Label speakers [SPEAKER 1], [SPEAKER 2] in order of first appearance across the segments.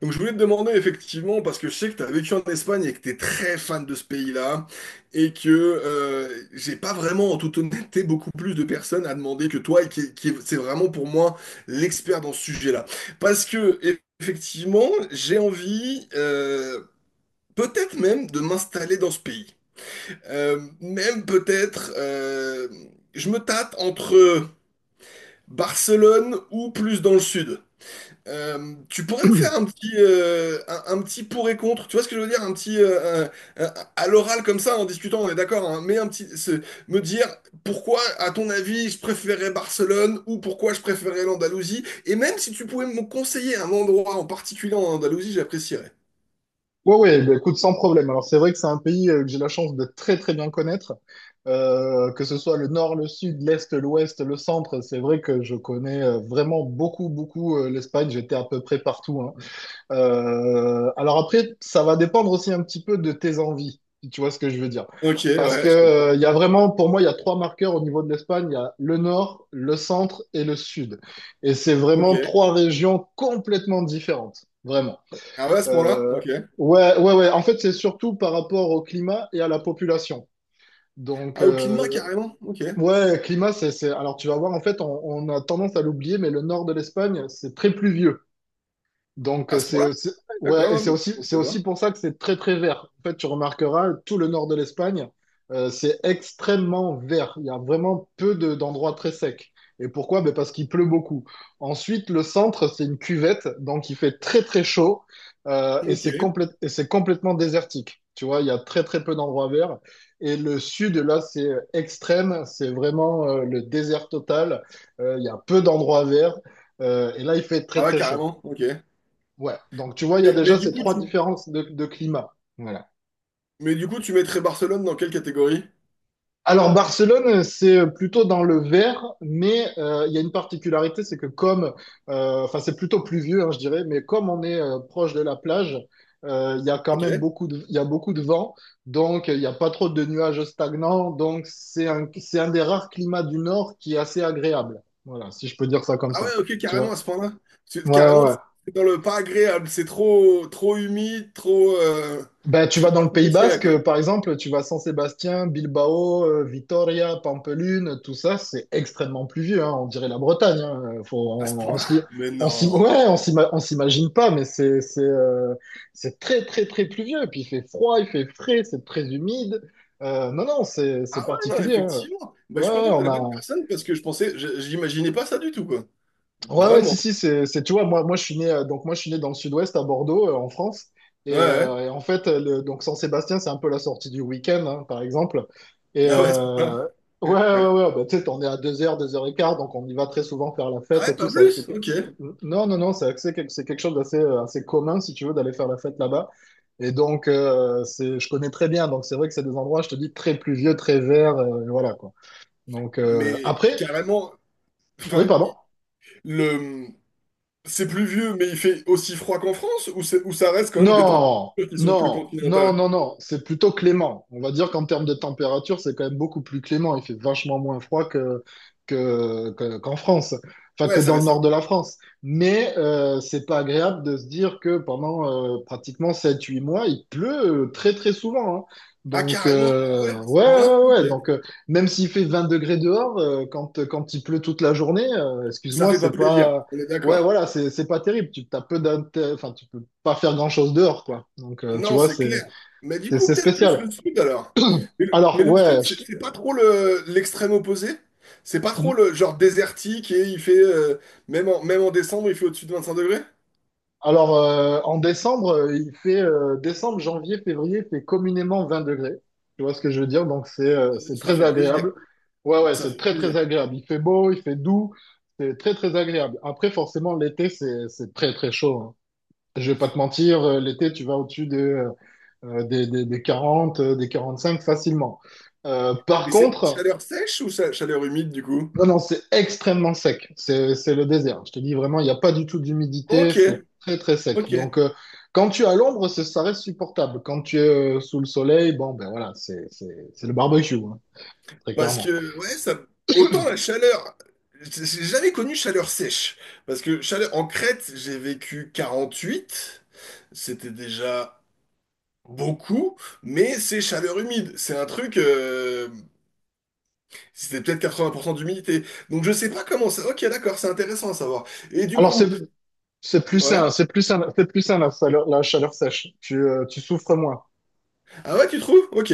[SPEAKER 1] Donc je voulais te demander effectivement, parce que je sais que tu as vécu en Espagne et que tu es très fan de ce pays-là, et que j'ai pas vraiment, en toute honnêteté, beaucoup plus de personnes à demander que toi, c'est vraiment pour moi l'expert dans ce sujet-là. Parce que effectivement, j'ai envie, peut-être même, de m'installer dans ce pays. Même peut-être, je me tâte entre Barcelone ou plus dans le sud. Tu pourrais me faire
[SPEAKER 2] Ouais,
[SPEAKER 1] un petit pour et contre, tu vois ce que je veux dire? Un petit, un- À l'oral comme ça, en discutant, on est d'accord, hein, me dire pourquoi, à ton avis, je préférais Barcelone ou pourquoi je préférais l'Andalousie, et même si tu pouvais me conseiller un endroit en particulier en Andalousie, j'apprécierais.
[SPEAKER 2] ouais, bah, écoute, sans problème. Alors, c'est vrai que c'est un pays que j'ai la chance de très, très bien connaître. Que ce soit le nord, le sud, l'est, l'ouest, le centre, c'est vrai que je connais vraiment beaucoup, beaucoup, l'Espagne. J'étais à peu près partout, hein. Alors après, ça va dépendre aussi un petit peu de tes envies, si tu vois ce que je veux dire.
[SPEAKER 1] Ok,
[SPEAKER 2] Parce que,
[SPEAKER 1] ouais, je comprends.
[SPEAKER 2] il y a vraiment, pour moi, il y a trois marqueurs au niveau de l'Espagne. Il y a le nord, le centre et le sud. Et c'est
[SPEAKER 1] Ok.
[SPEAKER 2] vraiment trois régions complètement différentes. Vraiment.
[SPEAKER 1] Ah ouais, à ce point-là?
[SPEAKER 2] Euh,
[SPEAKER 1] Ok.
[SPEAKER 2] ouais, ouais, ouais. En fait, c'est surtout par rapport au climat et à la population. Donc,
[SPEAKER 1] Ah, au climat, carrément? Ok.
[SPEAKER 2] ouais, climat, c'est... Alors, tu vas voir, en fait, on a tendance à l'oublier, mais le nord de l'Espagne, c'est très pluvieux. Donc,
[SPEAKER 1] À ce
[SPEAKER 2] c'est
[SPEAKER 1] point-là?
[SPEAKER 2] aussi,
[SPEAKER 1] Ouais,
[SPEAKER 2] ouais, et
[SPEAKER 1] d'accord, hein, je ne
[SPEAKER 2] c'est
[SPEAKER 1] pensais
[SPEAKER 2] aussi
[SPEAKER 1] pas.
[SPEAKER 2] pour ça que c'est très, très vert. En fait, tu remarqueras, tout le nord de l'Espagne, c'est extrêmement vert. Il y a vraiment d'endroits très secs. Et pourquoi? Ben, parce qu'il pleut beaucoup. Ensuite, le centre, c'est une cuvette, donc il fait très, très chaud, et
[SPEAKER 1] Ok.
[SPEAKER 2] c'est complètement désertique. Tu vois, il y a très, très peu d'endroits verts. Et le sud, là, c'est extrême, c'est vraiment, le désert total. Il y a peu d'endroits verts, et là, il fait très,
[SPEAKER 1] Ah ouais,
[SPEAKER 2] très chaud.
[SPEAKER 1] carrément? Ok.
[SPEAKER 2] Ouais, donc tu vois, il y a
[SPEAKER 1] Mais, mais
[SPEAKER 2] déjà
[SPEAKER 1] du
[SPEAKER 2] ces
[SPEAKER 1] coup,
[SPEAKER 2] trois
[SPEAKER 1] tu,
[SPEAKER 2] différences de climat. Voilà.
[SPEAKER 1] Mais du coup, tu mettrais Barcelone dans quelle catégorie?
[SPEAKER 2] Alors Barcelone, c'est plutôt dans le vert, mais il y a une particularité, c'est que comme, enfin c'est plutôt pluvieux, hein, je dirais, mais comme on est proche de la plage, il y a quand même
[SPEAKER 1] Ok.
[SPEAKER 2] beaucoup de, il y a beaucoup de vent, donc il n'y a pas trop de nuages stagnants, donc c'est un des rares climats du nord qui est assez agréable. Voilà, si je peux dire ça comme
[SPEAKER 1] Ah ouais,
[SPEAKER 2] ça.
[SPEAKER 1] ok,
[SPEAKER 2] Tu
[SPEAKER 1] carrément
[SPEAKER 2] vois?
[SPEAKER 1] à ce point-là.
[SPEAKER 2] Ouais, ouais,
[SPEAKER 1] Carrément,
[SPEAKER 2] ouais.
[SPEAKER 1] c'est dans le pas agréable. C'est trop, trop humide, trop.
[SPEAKER 2] Ben, tu
[SPEAKER 1] C'est
[SPEAKER 2] vas dans
[SPEAKER 1] pas
[SPEAKER 2] le
[SPEAKER 1] ce
[SPEAKER 2] Pays
[SPEAKER 1] que je dirais,
[SPEAKER 2] Basque,
[SPEAKER 1] quoi.
[SPEAKER 2] par exemple, tu vas Saint Sébastien, Bilbao, Vitoria, Pampelune, tout ça, c'est extrêmement pluvieux, hein, on dirait la Bretagne, hein,
[SPEAKER 1] À ce
[SPEAKER 2] on se
[SPEAKER 1] point-là? Mais non.
[SPEAKER 2] ouais, on s'imagine pas, mais c'est très, très, très pluvieux. Puis il fait froid, il fait frais, c'est très humide. Non, non, c'est
[SPEAKER 1] Ah ouais, non,
[SPEAKER 2] particulier, hein.
[SPEAKER 1] effectivement. Bah,
[SPEAKER 2] Ouais,
[SPEAKER 1] je suis
[SPEAKER 2] ouais,
[SPEAKER 1] content de
[SPEAKER 2] on
[SPEAKER 1] la bonne
[SPEAKER 2] a,
[SPEAKER 1] personne parce que je pensais, j'imaginais pas ça du tout, quoi.
[SPEAKER 2] ouais, ouais,
[SPEAKER 1] Vraiment.
[SPEAKER 2] si, si, tu vois, moi, je suis né, moi, je suis né dans le sud-ouest, à Bordeaux, en France.
[SPEAKER 1] Ouais,
[SPEAKER 2] Et,
[SPEAKER 1] ouais.
[SPEAKER 2] en fait, Saint-Sébastien, c'est un peu la sortie du week-end, hein, par exemple. Et,
[SPEAKER 1] Ah ouais, à ce point-là.
[SPEAKER 2] ouais, ouais, ouais, bah, tu sais, on est à 2 heures et quart, donc on y va très souvent faire la
[SPEAKER 1] Ah
[SPEAKER 2] fête et
[SPEAKER 1] ouais,
[SPEAKER 2] tout.
[SPEAKER 1] pas
[SPEAKER 2] Ça,
[SPEAKER 1] plus? Ok.
[SPEAKER 2] non, non, non, c'est quelque chose d'assez, assez commun, si tu veux, d'aller faire la fête là-bas. Et donc, c'est, je connais très bien. Donc, c'est vrai que c'est des endroits, je te dis, très pluvieux, très verts, voilà, quoi. Donc,
[SPEAKER 1] Mais
[SPEAKER 2] après,
[SPEAKER 1] carrément,
[SPEAKER 2] oui,
[SPEAKER 1] enfin,
[SPEAKER 2] pardon.
[SPEAKER 1] le, c'est plus vieux, mais il fait aussi froid qu'en France ou, ou ça reste quand même des
[SPEAKER 2] Non,
[SPEAKER 1] températures qui sont plus
[SPEAKER 2] non, non,
[SPEAKER 1] continentales?
[SPEAKER 2] non, non, c'est plutôt clément. On va dire qu'en termes de température, c'est quand même beaucoup plus clément. Il fait vachement moins froid qu'en France, enfin que
[SPEAKER 1] Ouais, ça
[SPEAKER 2] dans le
[SPEAKER 1] descend.
[SPEAKER 2] nord de la France. Mais c'est pas agréable de se dire que pendant pratiquement 7, 8 mois, il pleut très très souvent, hein.
[SPEAKER 1] Ah,
[SPEAKER 2] Donc,
[SPEAKER 1] carrément? Ah ouais, à ce
[SPEAKER 2] ouais,
[SPEAKER 1] moment-là?
[SPEAKER 2] ouais, ouais,
[SPEAKER 1] Ok.
[SPEAKER 2] ouais. Donc, même s'il fait 20 degrés dehors, quand, quand il pleut toute la journée,
[SPEAKER 1] Ça
[SPEAKER 2] excuse-moi,
[SPEAKER 1] fait pas
[SPEAKER 2] c'est
[SPEAKER 1] plaisir,
[SPEAKER 2] pas.
[SPEAKER 1] on est
[SPEAKER 2] Ouais,
[SPEAKER 1] d'accord.
[SPEAKER 2] voilà, c'est pas terrible. Tu T'as peu enfin, tu peux pas faire grand-chose dehors, quoi. Donc, tu
[SPEAKER 1] Non,
[SPEAKER 2] vois,
[SPEAKER 1] c'est clair. Mais du coup,
[SPEAKER 2] c'est
[SPEAKER 1] peut-être plus
[SPEAKER 2] spécial.
[SPEAKER 1] le sud alors. Mais le,
[SPEAKER 2] Alors,
[SPEAKER 1] mais le
[SPEAKER 2] ouais,
[SPEAKER 1] sud, c'est c'est pas trop l'extrême opposé? C'est pas trop le genre désertique et il fait, même en décembre, il fait au-dessus de 25 degrés?
[SPEAKER 2] alors en décembre, il fait décembre, janvier, février, il fait communément 20 degrés. Tu vois ce que je veux dire? Donc, c'est
[SPEAKER 1] Ça
[SPEAKER 2] très
[SPEAKER 1] fait plaisir.
[SPEAKER 2] agréable. Ouais, ouais,
[SPEAKER 1] Ça
[SPEAKER 2] c'est
[SPEAKER 1] fait
[SPEAKER 2] très très
[SPEAKER 1] plaisir.
[SPEAKER 2] agréable. Il fait beau, il fait doux, c'est très très agréable. Après, forcément, l'été, c'est très très chaud, hein. Je vais pas te mentir, l'été, tu vas au-dessus de des 40 des 45 facilement. Par
[SPEAKER 1] Et c'est
[SPEAKER 2] contre,
[SPEAKER 1] chaleur sèche ou chaleur humide du coup?
[SPEAKER 2] non, non, c'est extrêmement sec. C'est le désert. Je te dis vraiment, il n'y a pas du tout d'humidité.
[SPEAKER 1] Ok,
[SPEAKER 2] C'est très, très sec.
[SPEAKER 1] ok.
[SPEAKER 2] Donc, quand tu es à l'ombre, ça reste supportable. Quand tu es sous le soleil, bon, ben voilà, c'est le barbecue, hein, très
[SPEAKER 1] Parce
[SPEAKER 2] clairement.
[SPEAKER 1] que, ouais, ça. Autant la chaleur, j'ai jamais connu chaleur sèche. Parce que chaleur en Crète, j'ai vécu 48, c'était déjà beaucoup, mais c'est chaleur humide. C'est un truc, c'était peut-être 80% d'humidité. Donc je sais pas comment ça. Ok, d'accord, c'est intéressant à savoir. Et du
[SPEAKER 2] Alors,
[SPEAKER 1] coup,
[SPEAKER 2] c'est plus sain,
[SPEAKER 1] ouais.
[SPEAKER 2] c'est plus sain, c'est plus sain la chaleur sèche. Tu souffres moins.
[SPEAKER 1] Ah ouais, tu trouves? Ok.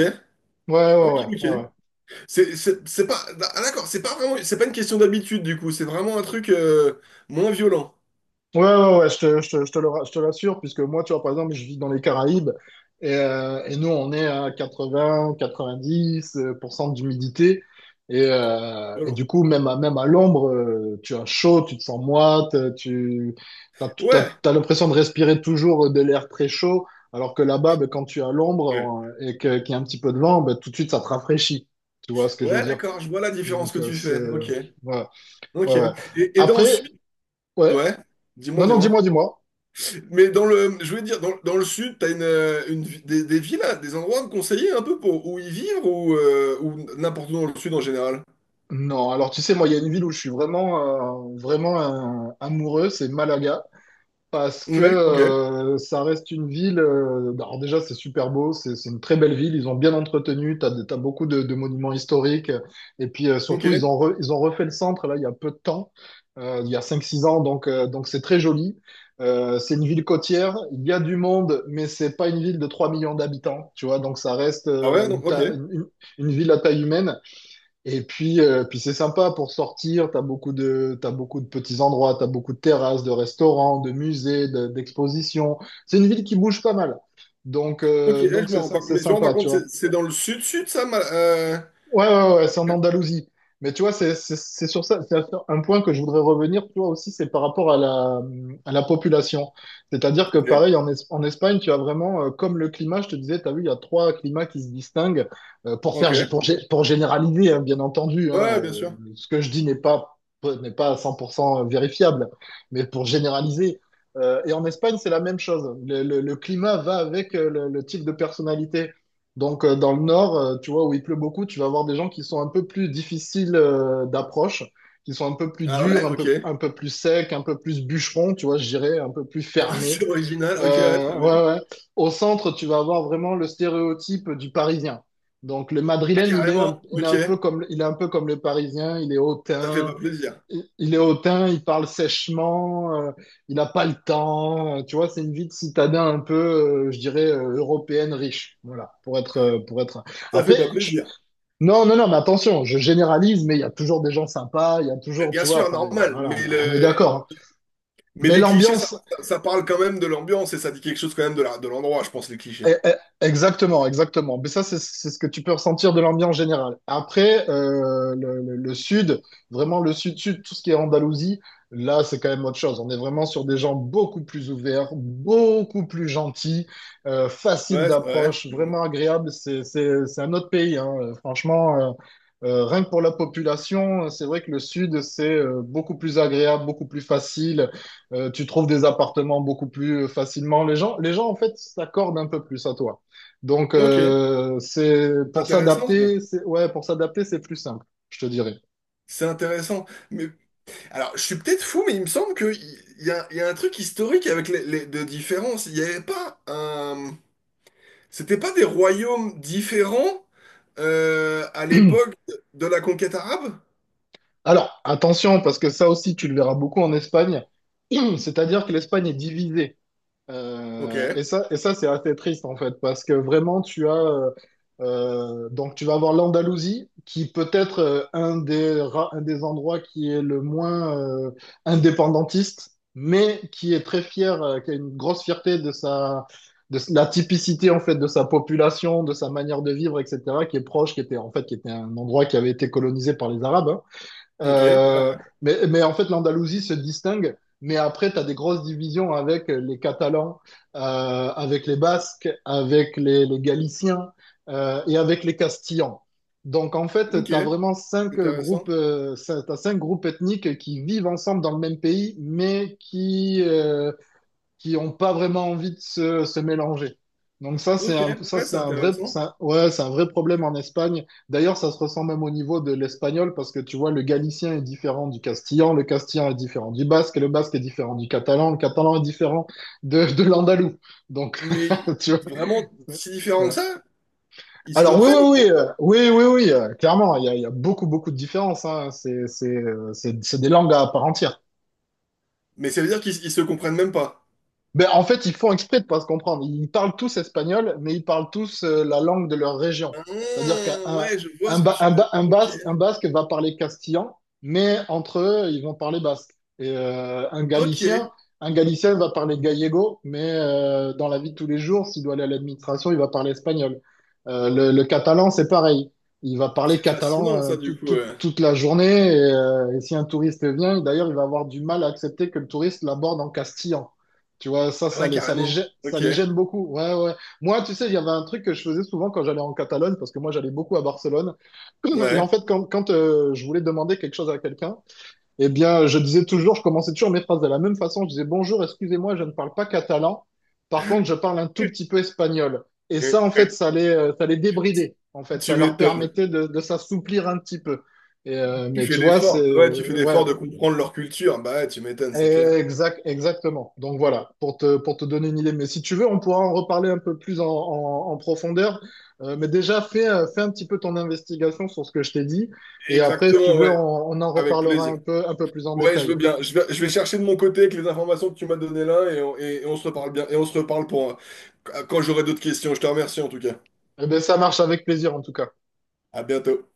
[SPEAKER 2] Ouais, ouais,
[SPEAKER 1] Ok,
[SPEAKER 2] ouais,
[SPEAKER 1] ok.
[SPEAKER 2] ouais, ouais.
[SPEAKER 1] C'est pas. Ah d'accord, c'est pas vraiment. C'est pas une question d'habitude du coup, c'est vraiment un truc moins violent.
[SPEAKER 2] Ouais, ouais, ouais, je te le, je te l'assure, puisque moi, tu vois, par exemple, je vis dans les Caraïbes et, nous, on est à quatre-vingt quatre-vingt-dix pour cent d'humidité. Et, du
[SPEAKER 1] Violent.
[SPEAKER 2] coup, même à l'ombre, tu as chaud, tu te sens moite,
[SPEAKER 1] Ouais.
[SPEAKER 2] t'as l'impression de respirer toujours de l'air très chaud, alors que là-bas, ben, quand tu es à l'ombre et qu'il y a un petit peu de vent, ben, tout de suite, ça te rafraîchit. Tu vois ce que je veux
[SPEAKER 1] Ouais,
[SPEAKER 2] dire?
[SPEAKER 1] d'accord, je vois la différence
[SPEAKER 2] Donc,
[SPEAKER 1] que tu
[SPEAKER 2] c'est...
[SPEAKER 1] fais. Ok,
[SPEAKER 2] Ouais,
[SPEAKER 1] ok.
[SPEAKER 2] ouais, ouais.
[SPEAKER 1] Et dans le
[SPEAKER 2] Après,
[SPEAKER 1] sud,
[SPEAKER 2] ouais.
[SPEAKER 1] ouais, dis-moi,
[SPEAKER 2] Non, non,
[SPEAKER 1] dis-moi.
[SPEAKER 2] dis-moi, dis-moi.
[SPEAKER 1] Mais je voulais dire, dans le sud, t'as des villes, des endroits à me conseiller un peu pour où y vivre ou n'importe où dans le sud en général.
[SPEAKER 2] Non, alors tu sais, moi, il y a une ville où je suis vraiment, vraiment amoureux, c'est Malaga, parce que
[SPEAKER 1] Ouais, ok,
[SPEAKER 2] ça reste une ville. Bah, alors déjà, c'est super beau, c'est une très belle ville. Ils ont bien entretenu, t'as, t'as beaucoup de monuments historiques, et puis surtout,
[SPEAKER 1] ok.
[SPEAKER 2] ils ont refait le centre là il y a peu de temps, il y a 5 6 ans, donc c'est très joli. C'est une ville côtière, il y a du monde, mais c'est pas une ville de 3 millions d'habitants, tu vois, donc ça reste
[SPEAKER 1] Ah ouais, donc, ok.
[SPEAKER 2] une ville à taille humaine. Et puis, puis c'est sympa pour sortir. T'as beaucoup de petits endroits, t'as beaucoup de terrasses, de restaurants, de musées, d'expositions. C'est une ville qui bouge pas mal.
[SPEAKER 1] Ok, eh,
[SPEAKER 2] Donc
[SPEAKER 1] je me
[SPEAKER 2] c'est,
[SPEAKER 1] rends pas,
[SPEAKER 2] c'est
[SPEAKER 1] mais je me rends pas
[SPEAKER 2] sympa, tu
[SPEAKER 1] compte,
[SPEAKER 2] vois.
[SPEAKER 1] c'est dans le sud-sud, ça.
[SPEAKER 2] Ouais, ouais, ouais, c'est en Andalousie. Mais tu vois, c'est sur ça, c'est un point que je voudrais revenir, tu vois, aussi, c'est par rapport à la population. C'est-à-dire que,
[SPEAKER 1] Ok,
[SPEAKER 2] pareil, en Espagne, tu as vraiment, comme le climat, je te disais, tu as vu, il y a trois climats qui se distinguent, pour faire,
[SPEAKER 1] ok.
[SPEAKER 2] pour généraliser, hein, bien entendu, hein,
[SPEAKER 1] Ouais, bien sûr.
[SPEAKER 2] ce que je dis n'est pas, n'est pas à 100% vérifiable, mais pour généraliser. Et en Espagne, c'est la même chose. Le climat va avec le type de personnalité. Donc, dans le nord, tu vois, où il pleut beaucoup, tu vas avoir des gens qui sont un peu plus difficiles d'approche, qui sont un peu plus
[SPEAKER 1] Ah
[SPEAKER 2] durs,
[SPEAKER 1] ouais, ok.
[SPEAKER 2] un peu plus secs, un peu plus bûcherons, tu vois, je dirais, un peu plus fermés.
[SPEAKER 1] C'est original, ok, ouais, très bien.
[SPEAKER 2] Ouais, ouais. Au centre, tu vas avoir vraiment le stéréotype du Parisien. Donc, le
[SPEAKER 1] Ah,
[SPEAKER 2] Madrilène,
[SPEAKER 1] carrément,
[SPEAKER 2] il est
[SPEAKER 1] ok.
[SPEAKER 2] un peu comme, il est un peu comme le Parisien, il est
[SPEAKER 1] Ça fait pas
[SPEAKER 2] hautain,
[SPEAKER 1] plaisir.
[SPEAKER 2] il est hautain, il parle sèchement, il n'a pas le temps. Tu vois, c'est une vie de citadin un peu, je dirais, européenne riche. Voilà, pour être, pour être.
[SPEAKER 1] Ça fait
[SPEAKER 2] Après,
[SPEAKER 1] pas plaisir.
[SPEAKER 2] non, non, non, mais attention, je généralise, mais il y a toujours des gens sympas, il y a toujours,
[SPEAKER 1] Bien
[SPEAKER 2] tu vois,
[SPEAKER 1] sûr,
[SPEAKER 2] enfin,
[SPEAKER 1] normal,
[SPEAKER 2] voilà, on est d'accord, hein.
[SPEAKER 1] mais
[SPEAKER 2] Mais
[SPEAKER 1] les clichés, ça,
[SPEAKER 2] l'ambiance,
[SPEAKER 1] ça ça parle quand même de l'ambiance et ça dit quelque chose quand même de de l'endroit, je pense, les clichés.
[SPEAKER 2] eh, eh, exactement, exactement. Mais ça, c'est ce que tu peux ressentir de l'ambiance générale. Après, le sud, vraiment le sud-sud, tout ce qui est Andalousie, là, c'est quand même autre chose. On est vraiment sur des gens beaucoup plus ouverts, beaucoup plus gentils, faciles
[SPEAKER 1] Ouais, ouais.
[SPEAKER 2] d'approche,
[SPEAKER 1] Mm.
[SPEAKER 2] vraiment agréables. C'est un autre pays, hein. Franchement, rien que pour la population, c'est vrai que le sud, c'est beaucoup plus agréable, beaucoup plus facile. Tu trouves des appartements beaucoup plus facilement. Les gens en fait, s'accordent un peu plus à toi. Donc,
[SPEAKER 1] Ok,
[SPEAKER 2] c'est pour
[SPEAKER 1] intéressant, ça.
[SPEAKER 2] s'adapter, c'est ouais, pour s'adapter, c'est plus simple, je te dirais.
[SPEAKER 1] C'est intéressant. Mais alors, je suis peut-être fou, mais il me semble qu'il y a un truc historique avec les de différence. Il n'y avait pas un. C'était pas des royaumes différents à l'époque de la conquête arabe?
[SPEAKER 2] Alors, attention, parce que ça aussi, tu le verras beaucoup en Espagne. C'est-à-dire que l'Espagne est divisée.
[SPEAKER 1] Ok,
[SPEAKER 2] Et ça, et ça c'est assez triste en fait, parce que vraiment tu as donc tu vas avoir l'Andalousie qui peut être un des un des endroits qui est le moins indépendantiste, mais qui est très fier, qui a une grosse fierté de la typicité en fait de sa population, de sa manière de vivre, etc. Qui est proche, qui était un endroit qui avait été colonisé par les Arabes.
[SPEAKER 1] ok,
[SPEAKER 2] Euh, mais en fait, l'Andalousie se distingue. Mais après, tu as des grosses divisions avec les Catalans, avec les Basques, avec les Galiciens et avec les Castillans. Donc en fait,
[SPEAKER 1] ok,
[SPEAKER 2] tu as vraiment cinq groupes,
[SPEAKER 1] intéressant.
[SPEAKER 2] t'as cinq groupes ethniques qui vivent ensemble dans le même pays, mais qui n'ont pas vraiment envie de se mélanger. Donc ça,
[SPEAKER 1] Ok,
[SPEAKER 2] ça,
[SPEAKER 1] ouais, c'est intéressant.
[SPEAKER 2] ouais, c'est un vrai problème en Espagne. D'ailleurs, ça se ressent même au niveau de l'espagnol parce que tu vois, le galicien est différent du castillan, le castillan est différent du basque, et le basque est différent du catalan, le catalan est différent de l'andalou. Donc,
[SPEAKER 1] Mais
[SPEAKER 2] tu vois.
[SPEAKER 1] vraiment si différent que
[SPEAKER 2] Ouais.
[SPEAKER 1] ça? Ils se
[SPEAKER 2] Alors
[SPEAKER 1] comprennent, non?
[SPEAKER 2] oui, oui, oui, clairement, il y a beaucoup de différences, hein. C'est des langues à part entière.
[SPEAKER 1] Mais ça veut dire qu'ils se comprennent même pas.
[SPEAKER 2] Ben, en fait, ils font exprès de pas se comprendre. Ils parlent tous espagnol, mais ils parlent tous la langue de leur région.
[SPEAKER 1] Ah,
[SPEAKER 2] C'est-à-dire qu'un
[SPEAKER 1] ouais, je vois
[SPEAKER 2] un,
[SPEAKER 1] ce que
[SPEAKER 2] Ba-
[SPEAKER 1] tu
[SPEAKER 2] un
[SPEAKER 1] veux.
[SPEAKER 2] Ba-
[SPEAKER 1] Ok,
[SPEAKER 2] un basque va parler castillan, mais entre eux, ils vont parler basque. Et
[SPEAKER 1] ok.
[SPEAKER 2] un galicien va parler gallego, mais dans la vie de tous les jours, s'il doit aller à l'administration, il va parler espagnol. Le catalan, c'est pareil. Il va parler
[SPEAKER 1] C'est fascinant
[SPEAKER 2] catalan
[SPEAKER 1] ça du coup.
[SPEAKER 2] toute la journée. Et si un touriste vient, d'ailleurs, il va avoir du mal à accepter que le touriste l'aborde en castillan. Tu vois,
[SPEAKER 1] Ah ouais,
[SPEAKER 2] ça
[SPEAKER 1] carrément.
[SPEAKER 2] ça
[SPEAKER 1] Ok,
[SPEAKER 2] les gêne beaucoup. Ouais, ouais. Moi, tu sais, il y avait un truc que je faisais souvent quand j'allais en Catalogne, parce que moi, j'allais beaucoup à Barcelone. Et en
[SPEAKER 1] ouais.
[SPEAKER 2] fait, quand je voulais demander quelque chose à quelqu'un, eh bien, je disais toujours, je commençais toujours mes phrases de la même façon. Je disais, bonjour, excusez-moi, je ne parle pas catalan. Par contre, je parle un tout petit peu espagnol. Et ça, en fait, ça les débridait. En fait,
[SPEAKER 1] Tu
[SPEAKER 2] ça leur
[SPEAKER 1] m'étonnes.
[SPEAKER 2] permettait de s'assouplir un petit peu. Et,
[SPEAKER 1] Tu fais l'effort. Bah ouais, tu fais
[SPEAKER 2] ouais.
[SPEAKER 1] l'effort de comprendre leur culture. Bah ouais, tu m'étonnes, c'est clair.
[SPEAKER 2] Exact, exactement. Donc voilà, pour te donner une idée. Mais si tu veux, on pourra en reparler un peu plus en profondeur. Mais déjà, fais un petit peu ton investigation sur ce que je t'ai dit. Et après, si tu
[SPEAKER 1] Exactement,
[SPEAKER 2] veux,
[SPEAKER 1] ouais.
[SPEAKER 2] on en
[SPEAKER 1] Avec
[SPEAKER 2] reparlera
[SPEAKER 1] plaisir.
[SPEAKER 2] un peu plus en
[SPEAKER 1] Ouais, je veux
[SPEAKER 2] détail.
[SPEAKER 1] bien. Je vais chercher de mon côté avec les informations que tu m'as données là et on se reparle bien. Et on se reparle pour quand j'aurai d'autres questions. Je te remercie en tout cas.
[SPEAKER 2] Eh ben ça marche, avec plaisir en tout cas.
[SPEAKER 1] À bientôt.